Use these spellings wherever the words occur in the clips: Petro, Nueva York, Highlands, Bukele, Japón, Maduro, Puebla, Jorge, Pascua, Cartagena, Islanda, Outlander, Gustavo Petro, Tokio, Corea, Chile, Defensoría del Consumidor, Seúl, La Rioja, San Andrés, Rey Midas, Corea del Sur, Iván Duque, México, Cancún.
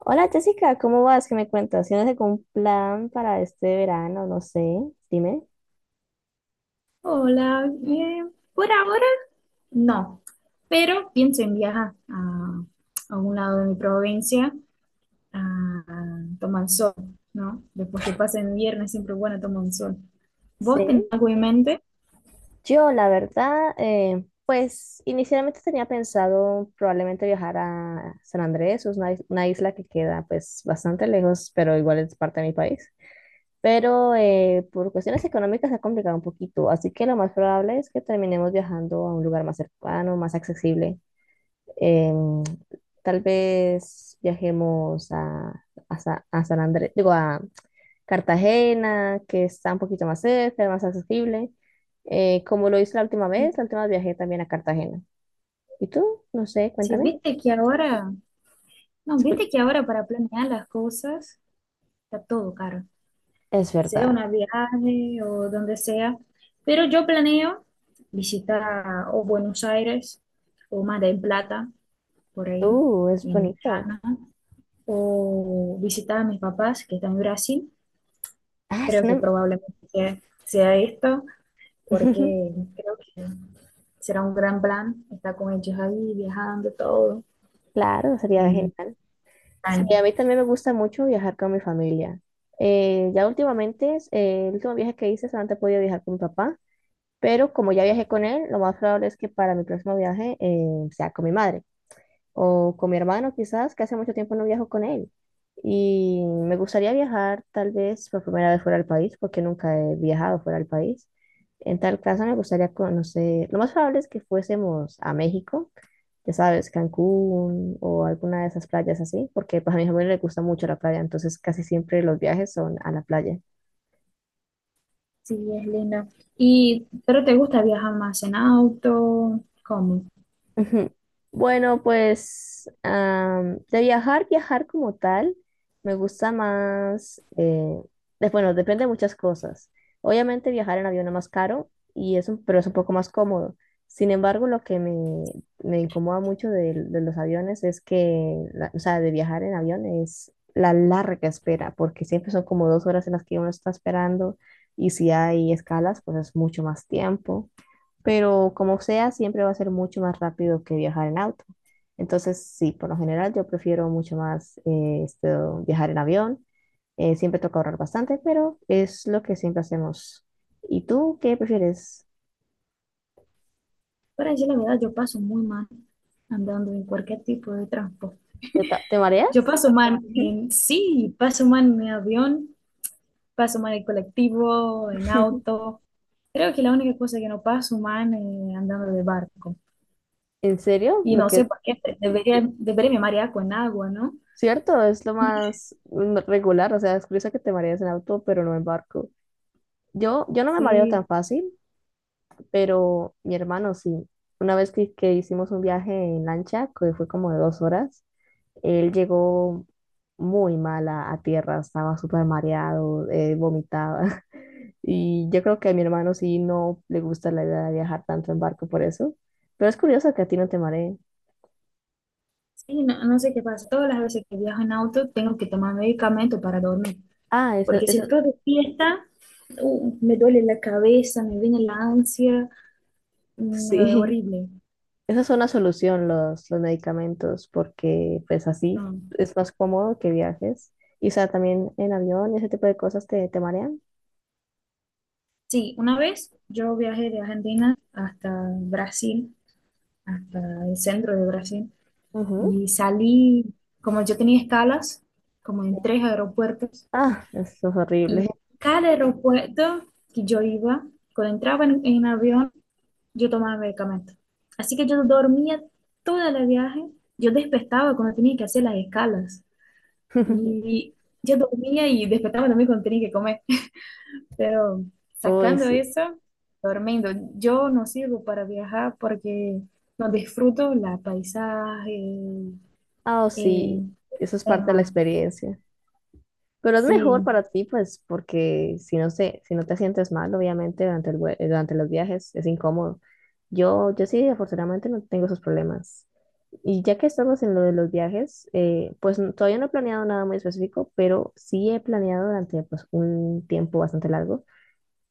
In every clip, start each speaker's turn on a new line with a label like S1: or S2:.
S1: Hola Jessica, ¿cómo vas? ¿Qué me cuentas? ¿Tienes algún plan para este verano? No sé, dime.
S2: Hola, bien. Por ahora no, pero pienso en viajar a un lado de mi provincia a tomar el sol, ¿no? Después que pasen viernes siempre es bueno tomar un sol. ¿Vos tenés
S1: Sí.
S2: algo en mente?
S1: Yo, la verdad, pues inicialmente tenía pensado probablemente viajar a San Andrés, es una, una isla que queda pues bastante lejos, pero igual es parte de mi país. Pero por cuestiones económicas se ha complicado un poquito, así que lo más probable es que terminemos viajando a un lugar más cercano, más accesible. Em, Tal vez viajemos a, a San Andrés, digo, a Cartagena, que está un poquito más cerca, más accesible, como lo hice la última vez viajé también a Cartagena. ¿Y tú? No sé,
S2: Sí,
S1: cuéntame.
S2: viste que ahora, no, viste que ahora para planear las cosas está todo caro,
S1: Es
S2: sea
S1: verdad.
S2: una viaje o donde sea, pero yo planeo visitar o Buenos Aires o Mar del Plata, por ahí,
S1: Es
S2: en
S1: bonito.
S2: verano. O visitaba a mis papás que están en Brasil.
S1: Ah, es
S2: Creo que
S1: una-
S2: probablemente sea esto, porque creo que será un gran plan estar con ellos ahí, viajando, todo.
S1: Claro, sería
S2: Y,
S1: genial. Sí,
S2: bueno,
S1: a mí también me gusta mucho viajar con mi familia. Ya últimamente, el último viaje que hice solamente he podido viajar con mi papá. Pero como ya viajé con él, lo más probable es que para mi próximo viaje sea con mi madre o con mi hermano quizás, que hace mucho tiempo no viajo con él. Y me gustaría viajar tal vez por primera vez fuera del país, porque nunca he viajado fuera del país. En tal caso me gustaría conocer, lo más probable es que fuésemos a México, ya sabes, Cancún o alguna de esas playas así, porque pues, a mi familia le gusta mucho la playa, entonces casi siempre los viajes son a la playa.
S2: sí, es lindo. Y ¿pero te gusta viajar más en auto? ¿Cómo?
S1: Ujú. Bueno, de viajar, viajar como tal, me gusta más, bueno, depende de muchas cosas. Obviamente viajar en avión es más caro, y pero es un poco más cómodo. Sin embargo, lo que me incomoda mucho de los aviones es que, o sea, de viajar en avión es la larga espera, porque siempre son como dos horas en las que uno está esperando, y si hay escalas, pues es mucho más tiempo pero como sea, siempre va a ser mucho más rápido que viajar en auto. Entonces, sí, por lo general yo prefiero mucho más esto, viajar en avión. Siempre toca ahorrar bastante, pero es lo que siempre hacemos. ¿Y tú qué prefieres?
S2: Para decir la verdad, yo paso muy mal andando en cualquier tipo de transporte.
S1: Te
S2: Yo
S1: mareas?
S2: paso mal
S1: Ujú.
S2: en, sí, paso mal en mi avión, paso mal en colectivo, en auto. Creo que la única cosa que no paso mal es andando de barco.
S1: ¿En serio?
S2: Y no sé por qué, pero debería me marear con agua, ¿no?
S1: Cierto, es lo más regular. O sea, es curioso que te mareas en auto, pero no en barco. Yo no me mareo
S2: Sí,
S1: tan fácil, pero mi hermano sí. Una vez que hicimos un viaje en lancha, que fue como de dos horas, él llegó muy mal a tierra, estaba súper mareado, vomitaba. Y yo creo que a mi hermano sí no le gusta la idea de viajar tanto en barco por eso. Pero es curioso que a ti no te mareen.
S2: sí, no, no sé qué pasa. Todas las veces que viajo en auto tengo que tomar medicamento para dormir.
S1: Ah,
S2: Porque si
S1: eso,
S2: estoy de fiesta, me duele la cabeza, me viene la ansia, me
S1: sí,
S2: horrible.
S1: esa es una solución, los medicamentos, porque pues así
S2: Ah,
S1: es más cómodo que viajes. Y o sea, también en avión, ese tipo de cosas te marean.
S2: sí, una vez yo viajé de Argentina hasta Brasil, hasta el centro de Brasil,
S1: Ujú.
S2: y salí, como yo tenía escalas, como en tres aeropuertos.
S1: Ah, eso es
S2: Y
S1: horrible.
S2: cada aeropuerto que yo iba, cuando entraba en avión, yo tomaba medicamento. Así que yo dormía todo el viaje, yo despertaba cuando tenía que hacer las escalas. Y yo dormía y despertaba también cuando tenía que comer. Pero
S1: Uy, ya.
S2: sacando
S1: Sí.
S2: eso, durmiendo, yo no sirvo para viajar porque no disfruto la paisaje,
S1: Ah, oh,
S2: eh,
S1: sí, eso es parte de la
S2: tema.
S1: experiencia. Pero es mejor
S2: Sí.
S1: para ti, pues, porque si no se, si no te sientes mal, obviamente, durante durante los viajes es incómodo. Yo sí, afortunadamente, no tengo esos problemas. Y ya que estamos en lo de los viajes, pues todavía no he planeado nada muy específico, pero sí he planeado durante pues, un tiempo bastante largo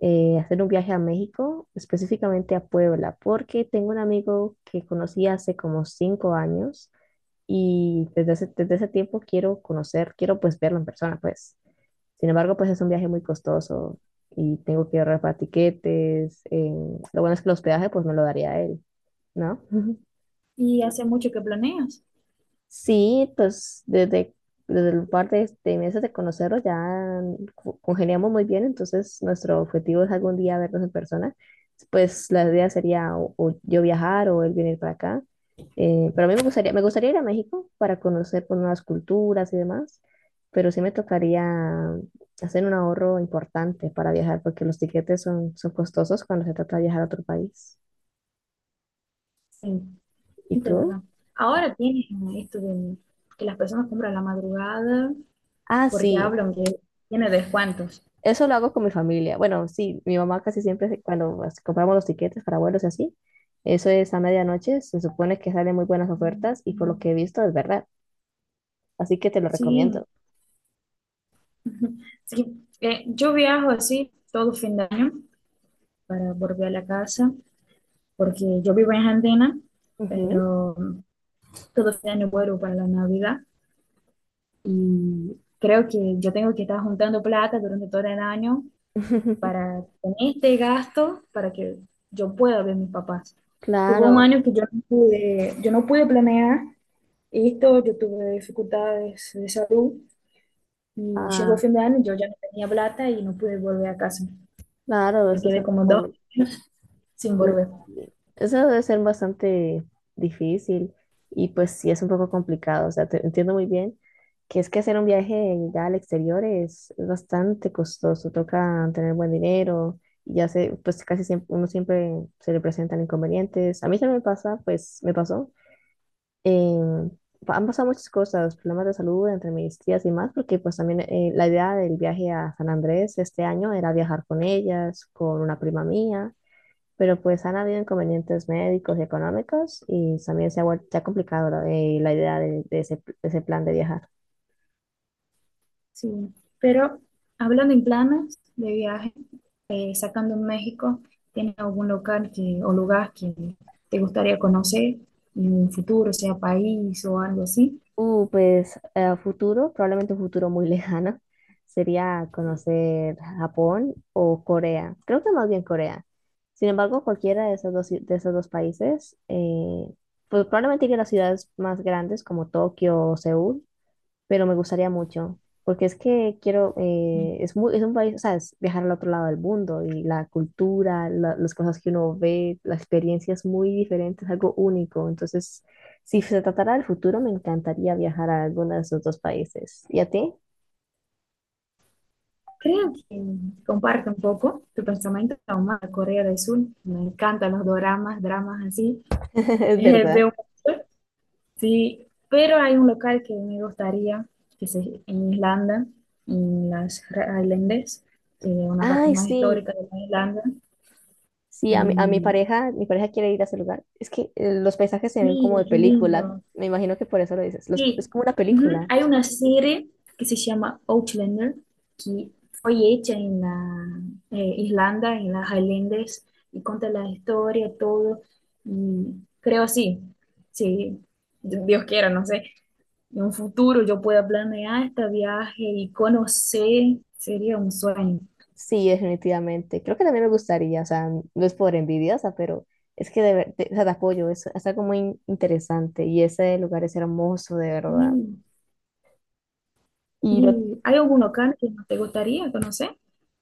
S1: hacer un viaje a México, específicamente a Puebla, porque tengo un amigo que conocí hace como cinco años y desde ese tiempo quiero conocer, quiero pues verlo en persona, pues. Sin embargo, pues es un viaje muy costoso y tengo que ahorrar para tiquetes. Lo bueno es que el hospedaje pues me lo daría él, ¿no?
S2: ¿Y hace mucho que planeas?
S1: Sí, pues desde, desde el par de meses de conocerlos ya congeniamos muy bien, entonces nuestro objetivo es algún día vernos en persona. Pues la idea sería o yo viajar o él venir para acá. Pero a mí me gustaría ir a México para conocer pues, nuevas culturas y demás, pero sí me tocaría hacer un ahorro importante para viajar porque los tiquetes son, son costosos cuando se trata de viajar a otro país.
S2: Sí.
S1: ¿Y
S2: De
S1: tú?
S2: verdad. Ahora tiene esto de que las personas compran a la madrugada
S1: Ah,
S2: porque
S1: sí.
S2: hablan que tiene descuentos.
S1: Eso lo hago con mi familia. Bueno, sí, mi mamá casi siempre, cuando compramos los tiquetes para vuelos y así, eso es a medianoche, se supone que salen muy buenas ofertas y por lo que he visto es verdad. Así que te lo
S2: Sí,
S1: recomiendo.
S2: sí. Yo viajo así todo fin de año para volver a la casa porque yo vivo en Argentina,
S1: Ujú.
S2: pero todo fin de año vuelvo para la Navidad y creo que yo tengo que estar juntando plata durante todo el año para tener este gasto para que yo pueda ver a mis papás. Tuvo un
S1: Claro,
S2: año que yo no pude planear esto, yo tuve dificultades de salud y llegó
S1: ah,
S2: fin de año, yo ya no tenía plata y no pude volver a casa.
S1: claro,
S2: Me quedé como dos
S1: como-
S2: sin
S1: Mm,
S2: volver.
S1: eso debe ser bastante difícil y pues sí es un poco complicado, o sea, te entiendo muy bien que es que hacer un viaje ya al exterior es bastante costoso, toca tener buen dinero y ya se, pues casi siempre, uno siempre se le presentan inconvenientes. A mí también me pasa, pues me pasó. em, Han pasado muchas cosas, problemas de salud entre mis tías y más, porque pues también la idea del viaje a San Andrés este año era viajar con ellas, con una prima mía pero pues han habido inconvenientes médicos y económicos y también se ha vuelto ya complicado la idea de ese plan de viajar.
S2: Sí. Pero hablando en planes de viaje, sacando en México, tiene algún local que, o lugar que te gustaría conocer en un futuro, ¿sea país o algo así?
S1: Pues a futuro, probablemente un futuro muy lejano, sería conocer Japón o Corea. Creo que más bien Corea. Sin embargo, cualquiera de esos de esos dos países, pues probablemente iría a las ciudades más grandes como Tokio o Seúl, pero me gustaría mucho, porque es que quiero, es muy, es un país, o sea, es viajar al otro lado del mundo y la cultura, las cosas que uno ve, la experiencia es muy diferente, es algo único. Entonces, si se tratara del futuro, me encantaría viajar a alguno de esos dos países. ¿Y a ti?
S2: Creo que comparte un poco tu pensamiento con Corea del Sur. Me encantan los doramas, dramas así.
S1: Es verdad.
S2: Veo mucho. Sí, pero hay un local que me gustaría, que es en Islanda, en las Highlands, que es una parte
S1: Ay,
S2: más
S1: sí.
S2: histórica de la Islanda.
S1: Sí, a
S2: Y,
S1: mi pareja quiere ir a ese lugar. Es que los paisajes se ven
S2: y
S1: como de
S2: es
S1: película.
S2: lindo.
S1: Me imagino que por eso lo dices. Es
S2: Sí,
S1: como una
S2: ujú,
S1: película.
S2: hay una serie que se llama Outlander, que fue hecha en la Islanda, en las Highlands, y cuenta la historia, todo. Y creo sí, sí, Dios quiera, no sé. En un futuro yo pueda planear este viaje y conocer, sería un sueño.
S1: Sí, definitivamente. Creo que también me gustaría, o sea, no es por envidiosa, pero es que o sea, te apoyo, es algo muy interesante y ese lugar es hermoso, de verdad.
S2: ¿Y,
S1: Y lo,
S2: y hay algún local que no te gustaría conocer?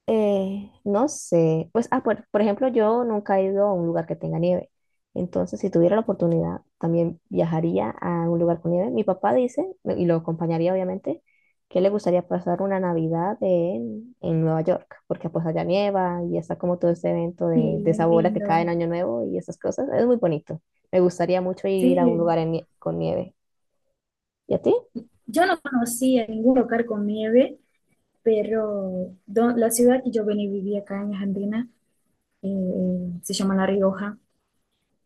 S1: No sé, pues, ah, por ejemplo, yo nunca he ido a un lugar que tenga nieve. Entonces, si tuviera la oportunidad, también viajaría a un lugar con nieve. Mi papá dice, y lo acompañaría obviamente, que le gustaría pasar una Navidad en Nueva York, porque pues allá nieva y está como todo este evento
S2: Sí,
S1: de
S2: es
S1: esa bola que
S2: lindo.
S1: cae en Año Nuevo y esas cosas. Es muy bonito. Me gustaría mucho ir a un
S2: Sí,
S1: lugar con nieve. ¿Y a ti?
S2: yo no conocía ningún lugar con nieve, pero do- la ciudad que yo venía y vivía acá en Argentina se llama La Rioja.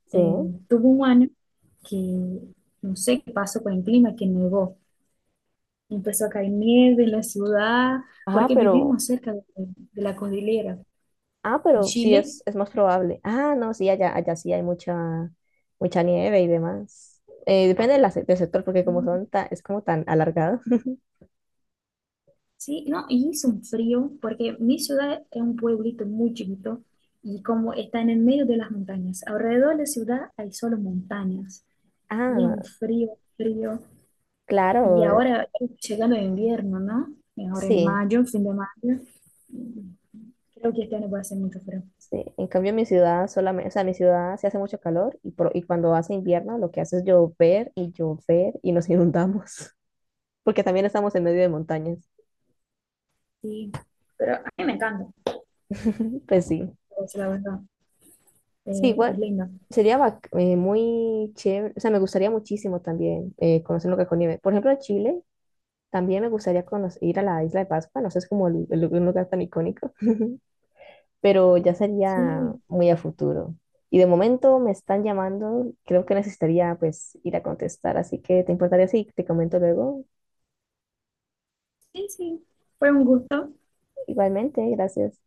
S1: Sí.
S2: Eh, tuvo un año que no sé qué pasó con el clima, que nevó. Empezó a caer nieve en la ciudad,
S1: Ajá,
S2: porque
S1: pero...
S2: vivimos cerca de la cordillera.
S1: Ah,
S2: En
S1: pero sí
S2: Chile.
S1: es más probable. Ah, no, sí, allá, allá sí hay mucha, mucha nieve y demás. Depende de del sector, porque como
S2: Mm,
S1: son es como tan alargado.
S2: sí, no, y hizo un frío porque mi ciudad es un pueblito muy chiquito y como está en el medio de las montañas, alrededor de la ciudad hay solo montañas y es un
S1: Ah,
S2: frío, frío. Y
S1: claro,
S2: ahora llegando el invierno, ¿no? Ahora en
S1: sí,
S2: mayo, fin de mayo, mm, creo que este año va a ser mucho frío.
S1: sí. En cambio, en mi ciudad solamente, o sea, en mi ciudad se hace mucho calor y, y cuando hace invierno lo que hace es llover y llover y nos inundamos, porque también estamos en medio de montañas.
S2: Sí, pero a mí me encanta,
S1: Pues sí,
S2: pues, la verdad,
S1: sí, igual.
S2: es lindo.
S1: Muy chévere, o sea, me gustaría muchísimo también conocer un lugar con nieve. Por ejemplo, en Chile también me gustaría conocer, ir a la isla de Pascua, no sé, es como un lugar tan icónico, pero ya sería
S2: Sí,
S1: muy a futuro. Y de momento me están llamando, creo que necesitaría pues ir a contestar, así que te importaría si te comento luego.
S2: sí, sí, fue un gusto.
S1: Igualmente, gracias.